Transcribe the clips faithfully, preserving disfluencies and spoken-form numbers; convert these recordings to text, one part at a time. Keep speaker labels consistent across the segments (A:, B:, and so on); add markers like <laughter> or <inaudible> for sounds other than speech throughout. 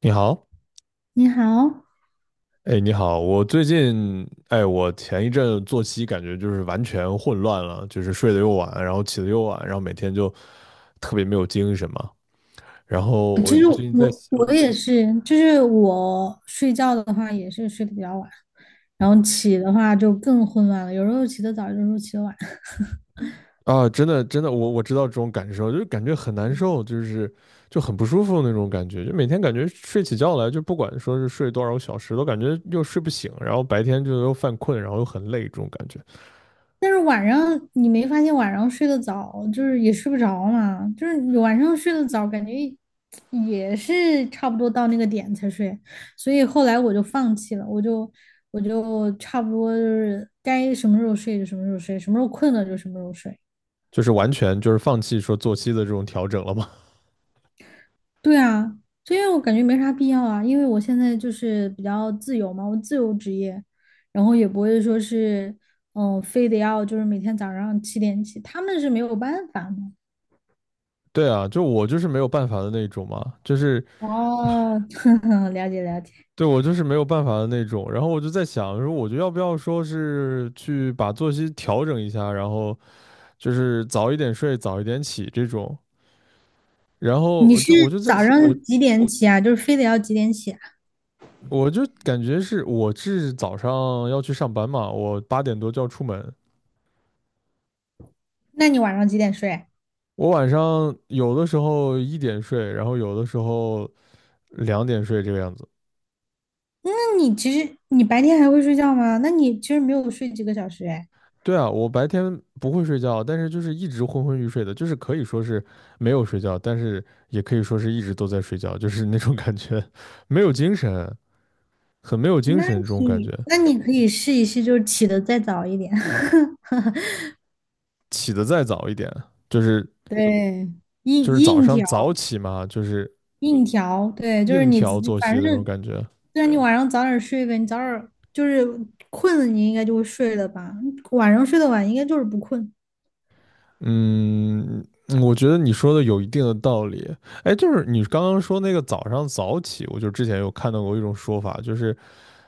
A: 你好，
B: 你好，
A: 哎，你好，我最近，哎，我前一阵作息感觉就是完全混乱了，就是睡得又晚，然后起得又晚，然后每天就特别没有精神嘛。然后我最近在
B: 我
A: 想
B: 我也是，就是我睡觉的话也是睡得比较晚，然后起的话就更混乱了，有时候起得早，有时候起得晚。
A: 啊。真的，真的，我我知道这种感受，就是感觉很难受，就是就很不舒服那种感觉，就每天感觉睡起觉来，就不管说是睡多少个小时，都感觉又睡不醒，然后白天就又犯困，然后又很累，这种感觉，
B: 但是晚上你没发现晚上睡得早，就是也睡不着嘛，就是你晚上睡得早，感觉也是差不多到那个点才睡，所以后来我就放弃了，我就我就差不多就是该什么时候睡就什么时候睡，什么时候困了就什么时候睡。
A: 就是完全就是放弃说作息的这种调整了嘛。
B: 对啊，这样我感觉没啥必要啊，因为我现在就是比较自由嘛，我自由职业，然后也不会说是，嗯，非得要就是每天早上七点起，他们是没有办法的。
A: 对啊，就我就是没有办法的那种嘛，就是
B: 哦，<laughs> 了解了解，
A: 对我就是没有办法的那种。然后我就在想，说我就要不要说是去把作息调整一下，然后就是早一点睡，早一点起这种。然后
B: 你
A: 我
B: 是
A: 就我就在
B: 早
A: 我
B: 上几点起啊？就是非得要几点起啊？
A: 我就感觉是我是早上要去上班嘛，我八点多就要出门。
B: 那你晚上几点睡啊？
A: 我晚上有的时候一点睡，然后有的时候两点睡这个样子。
B: 那你其实你白天还会睡觉吗？那你其实没有睡几个小时哎，
A: 对啊，我白天不会睡觉，但是就是一直昏昏欲睡的，就是可以说是没有睡觉，但是也可以说是一直都在睡觉，就是那种感觉。<laughs> 没有精神，很没有精
B: 那
A: 神这种感觉。
B: 你那你可以试一试，就是起的再早一点，
A: 起得再早一点，就是
B: <laughs> 对，硬
A: 就是早
B: 硬
A: 上
B: 调。
A: 早起嘛，就是
B: 硬调，对，就是
A: 硬
B: 你自
A: 调
B: 己，
A: 作息
B: 反
A: 的那种
B: 正
A: 感觉。
B: 虽然你晚上早点睡呗，你早点就是困了，你应该就会睡了吧？晚上睡得晚，应该就是不困。
A: 嗯。嗯我觉得你说的有一定的道理。哎，就是你刚刚说那个早上早起，我就之前有看到过一种说法，就是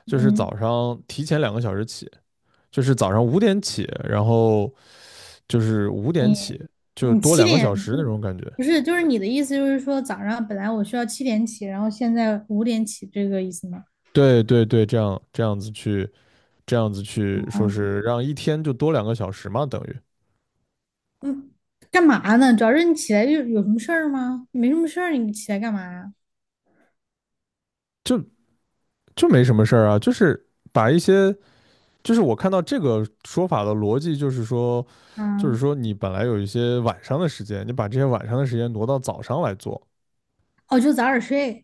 A: 就是早
B: 嗯，
A: 上提前两个小时起。就是早上五点起，然后就是五点
B: 你
A: 起，就
B: 你
A: 多
B: 七
A: 两个小
B: 点
A: 时那种感觉。
B: 不是，就是你的意思就是说早上本来我需要七点起，然后现在五点起，这个意思吗？
A: 对对对，这样这样子去，这样子去说
B: 啊，
A: 是让一天就多两个小时嘛，等于
B: 嗯，干嘛呢？主要是你起来就有什么事儿吗？没什么事儿，你起来干嘛呀？
A: 就就没什么事儿啊，就是把一些，就是我看到这个说法的逻辑，就是说，就是
B: 嗯，
A: 说你本来有一些晚上的时间，你把这些晚上的时间挪到早上来做。
B: 哦，就早点睡。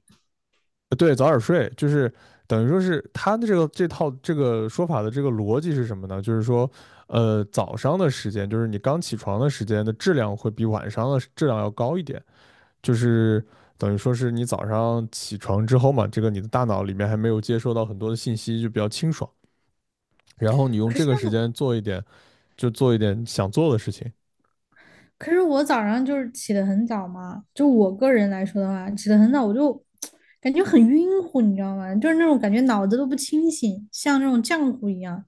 A: 对，早点睡，就是等于说是他的这个这套这个说法的这个逻辑是什么呢？就是说，呃，早上的时间，就是你刚起床的时间的质量会比晚上的质量要高一点，就是等于说是你早上起床之后嘛，这个你的大脑里面还没有接收到很多的信息，就比较清爽，然后你用
B: 可
A: 这
B: 是
A: 个时
B: 我
A: 间做一点，就做一点想做的事情，
B: 可是我早上就是起得很早嘛，就我个人来说的话，起得很早我就感觉很晕乎，你知道吗？就是那种感觉脑子都不清醒，像那种浆糊一样。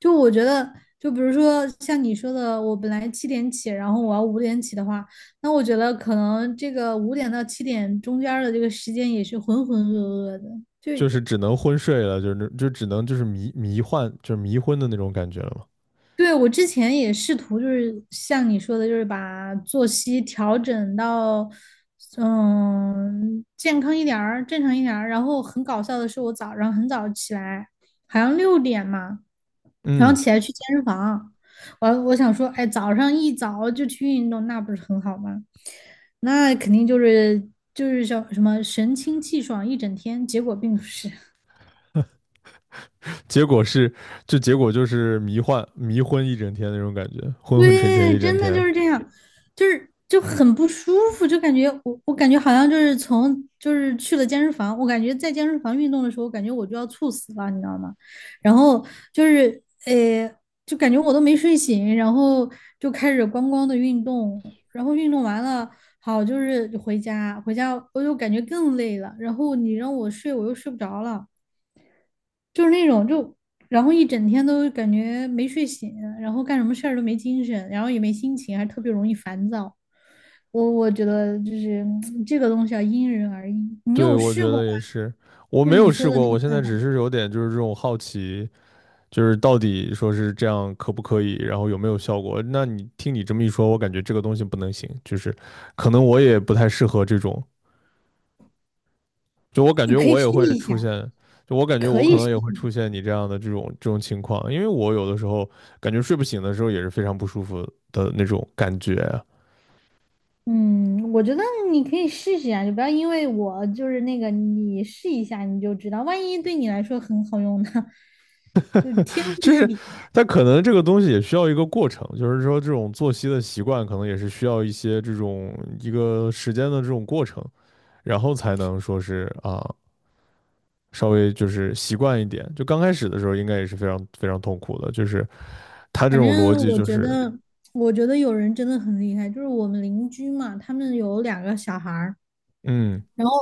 B: 就我觉得，就比如说像你说的，我本来七点起，然后我要五点起的话，那我觉得可能这个五点到七点中间儿的这个时间也是浑浑噩噩的，就
A: 就是只能昏睡了，就是那就只能就是迷迷幻，就是迷昏的那种感觉了嘛。
B: 对，我之前也试图，就是像你说的，就是把作息调整到，嗯，健康一点儿，正常一点儿。然后很搞笑的是，我早上很早起来，好像六点嘛，然后起来去健身房。我我想说，哎，早上一早就去运动，那不是很好吗？那肯定就是就是叫什么神清气爽一整天，结果并不是。
A: 结果是，就结果就是迷幻迷昏一整天那种感觉，昏昏沉沉
B: 对，
A: 一整
B: 真的
A: 天。
B: 就是这样，就是就很不舒服，就感觉我我感觉好像就是从就是去了健身房，我感觉在健身房运动的时候，我感觉我就要猝死了，你知道吗？然后就是呃，就感觉我都没睡醒，然后就开始咣咣的运动，然后运动完了，好就是回家，回家我就感觉更累了，然后你让我睡，我又睡不着了。就是那种就，然后一整天都感觉没睡醒，然后干什么事儿都没精神，然后也没心情，还特别容易烦躁。我我觉得就是嗯这个东西要因人而异。你
A: 对，
B: 有
A: 我觉
B: 试过吗？
A: 得也是，我
B: 就
A: 没
B: 是你
A: 有
B: 说
A: 试
B: 的
A: 过，
B: 那
A: 我
B: 个
A: 现在
B: 办
A: 只
B: 法，
A: 是有点就是这种好奇，就是到底说是这样可不可以，然后有没有效果？那你听你这么一说，我感觉这个东西不能行，就是可能我也不太适合这种，就我感
B: 你
A: 觉
B: 可以
A: 我也
B: 试
A: 会
B: 一下，
A: 出现。就我感觉，我
B: 可
A: 可
B: 以
A: 能
B: 试
A: 也
B: 一
A: 会出
B: 下。
A: 现你这样的这种这种情况，因为我有的时候感觉睡不醒的时候也是非常不舒服的那种感觉啊，
B: 嗯，我觉得你可以试试啊，就不要因为我就是那个，你试一下你就知道，万一对你来说很好用呢，<laughs> 就是天赋
A: 就
B: 异
A: 是
B: 禀。
A: 但可能这个东西也需要一个过程，就是说这种作息的习惯可能也是需要一些这种一个时间的这种过程，然后才能说是啊稍微就是习惯一点。就刚开始的时候应该也是非常非常痛苦的，就是他这
B: 反
A: 种逻
B: 正
A: 辑
B: 我
A: 就
B: 觉
A: 是。
B: 得，我觉得有人真的很厉害，就是我们邻居嘛，他们有两个小孩儿，
A: 嗯
B: 然后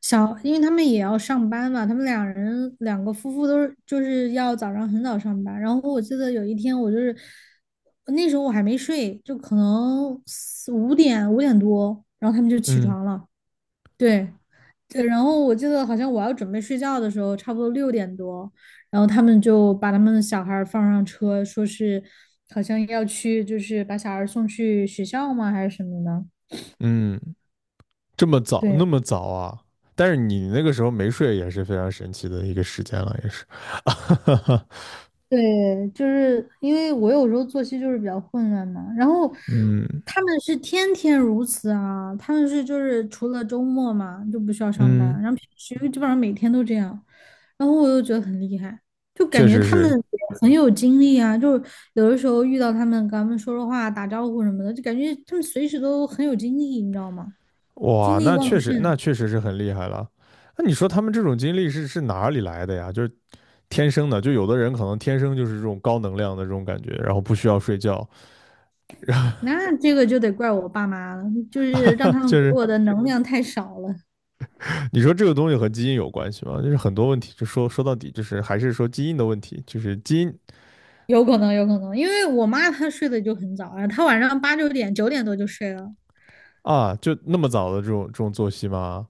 B: 小，因为他们也要上班嘛，他们两人两个夫妇都是就是要早上很早上班，然后我记得有一天我就是那时候我还没睡，就可能四五点五点多，然后他们就起
A: 嗯
B: 床了，对，对，然后我记得好像我要准备睡觉的时候，差不多六点多，然后他们就把他们的小孩儿放上车，说是好像要去，就是把小孩儿送去学校吗，还是什么的？
A: 嗯。这么早
B: 对，
A: 那么早啊？但是你那个时候没睡也是非常神奇的一个时间了，也是。<laughs>
B: 对，就是因为我有时候作息就是比较混乱嘛，然后
A: 嗯
B: 他们是天天如此啊，他们是就是除了周末嘛就不需要上班，
A: 嗯，
B: 然后平时基本上每天都这样，然后我又觉得很厉害，就感
A: 确
B: 觉
A: 实
B: 他们
A: 是。
B: 也很有精力啊，就是有的时候遇到他们跟他们说说话、打招呼什么的，就感觉他们随时都很有精力，你知道吗？精
A: 哇，
B: 力
A: 那
B: 旺
A: 确
B: 嗯
A: 实，那
B: 盛，
A: 确实是很厉害了。那你说他们这种经历是是哪里来的呀？就是天生的，就有的人可能天生就是这种高能量的这种感觉，然后不需要睡觉。
B: 那这个就得怪我爸妈了，就是让他
A: <laughs>
B: 们
A: 就
B: 给
A: 是
B: 我的能量太少了。
A: 你说这个东西和基因有关系吗？就是很多问题，就说说到底，就是还是说基因的问题，就是基因
B: 有可能，有可能，因为我妈她睡得就很早啊，她晚上八九点、九点多就睡了。
A: 啊，就那么早的这种这种作息吗？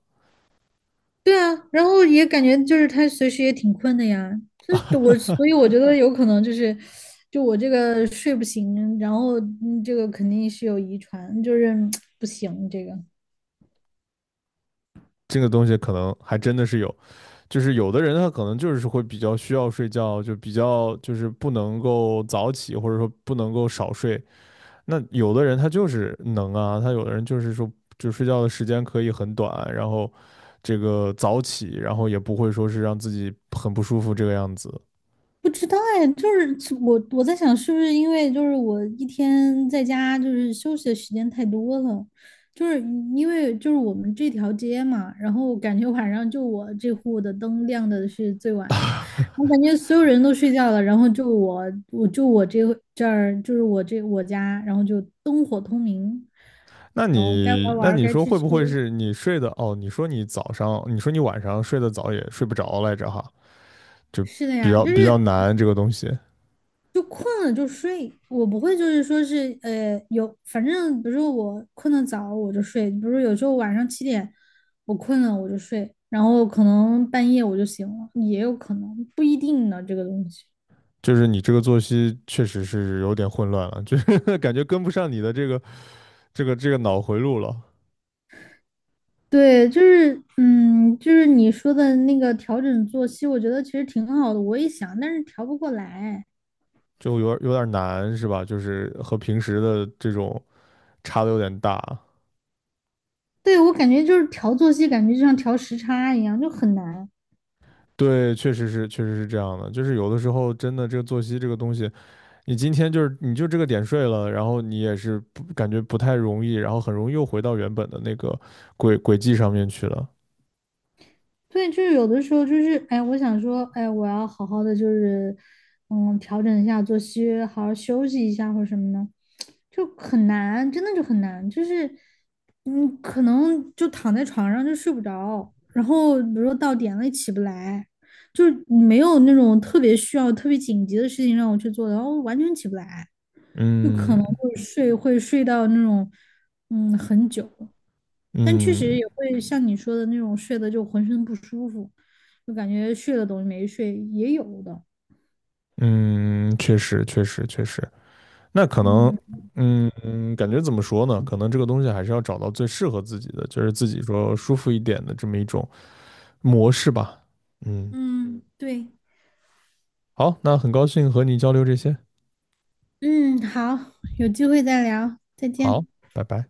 B: 对啊，然后也感觉就是她随时也挺困的呀，就是我，所以我觉得有可能就是，就我这个睡不醒，然后嗯这个肯定是有遗传，就是嗯不行这个。
A: 这个东西可能还真的是有，就是有的人他可能就是会比较需要睡觉，就比较就是不能够早起，或者说不能够少睡。那有的人他就是能啊，他有的人就是说，就睡觉的时间可以很短，然后这个早起，然后也不会说是让自己很不舒服这个样子。
B: 不知道哎，就是我我在想，是不是因为就是我一天在家就是休息的时间太多了，就是因为就是我们这条街嘛，然后感觉晚上就我这户的灯亮的是最晚的，我感觉所有人都睡觉了，然后就我我就我这这儿就是我这我家，然后就灯火通明，
A: 那
B: 然后该玩
A: 你
B: 儿玩
A: 那
B: 儿
A: 你
B: 该
A: 说
B: 吃
A: 会
B: 吃，
A: 不会是你睡的哦？你说你早上，你说你晚上睡得早也睡不着来着哈，就
B: 是的
A: 比
B: 呀，
A: 较
B: 就
A: 比较
B: 是
A: 难这个东西。
B: 就困了就睡，我不会就是说是呃有，反正比如说我困得早我就睡，比如说有时候晚上七点我困了我就睡，然后可能半夜我就醒了，也有可能不一定呢这个东西。
A: 就是你这个作息确实是有点混乱了，就是 <laughs> 感觉跟不上你的这个这个这个脑回路了，
B: 对，就是嗯，就是你说的那个调整作息，我觉得其实挺好的，我也想，但是调不过来。
A: 就有点有点难是吧？就是和平时的这种。差的有点大。
B: 对，我感觉就是调作息，感觉就像调时差一样，就很难。
A: 对，确实是，确实是这样的。就是有的时候，真的这个作息这个东西，你今天就是你就这个点睡了，然后你也是不感觉不太容易，然后很容易又回到原本的那个轨轨迹上面去了。
B: 对，就是有的时候就是，哎，我想说，哎，我要好好的就是，嗯，调整一下作息，好好休息一下或者什么的，就很难，真的就很难，就是，嗯，可能就躺在床上就睡不着，然后比如说到点了也起不来，就是没有那种特别需要、特别紧急的事情让我去做的，然后完全起不来，就
A: 嗯
B: 可能会睡，会睡到那种，嗯，很久。但确实
A: 嗯
B: 也会像你说的那种睡的就浑身不舒服，就感觉睡了等于没睡，也有的。
A: 嗯，确实确实确实。那可能，
B: 嗯
A: 嗯嗯，感觉怎么说呢？可能这个东西还是要找到最适合自己的，就是自己说舒服一点的这么一种模式吧。嗯，
B: 嗯，对，
A: 好，那很高兴和你交流这些。
B: 嗯，好，有机会再聊，再
A: 好，
B: 见。
A: 拜拜。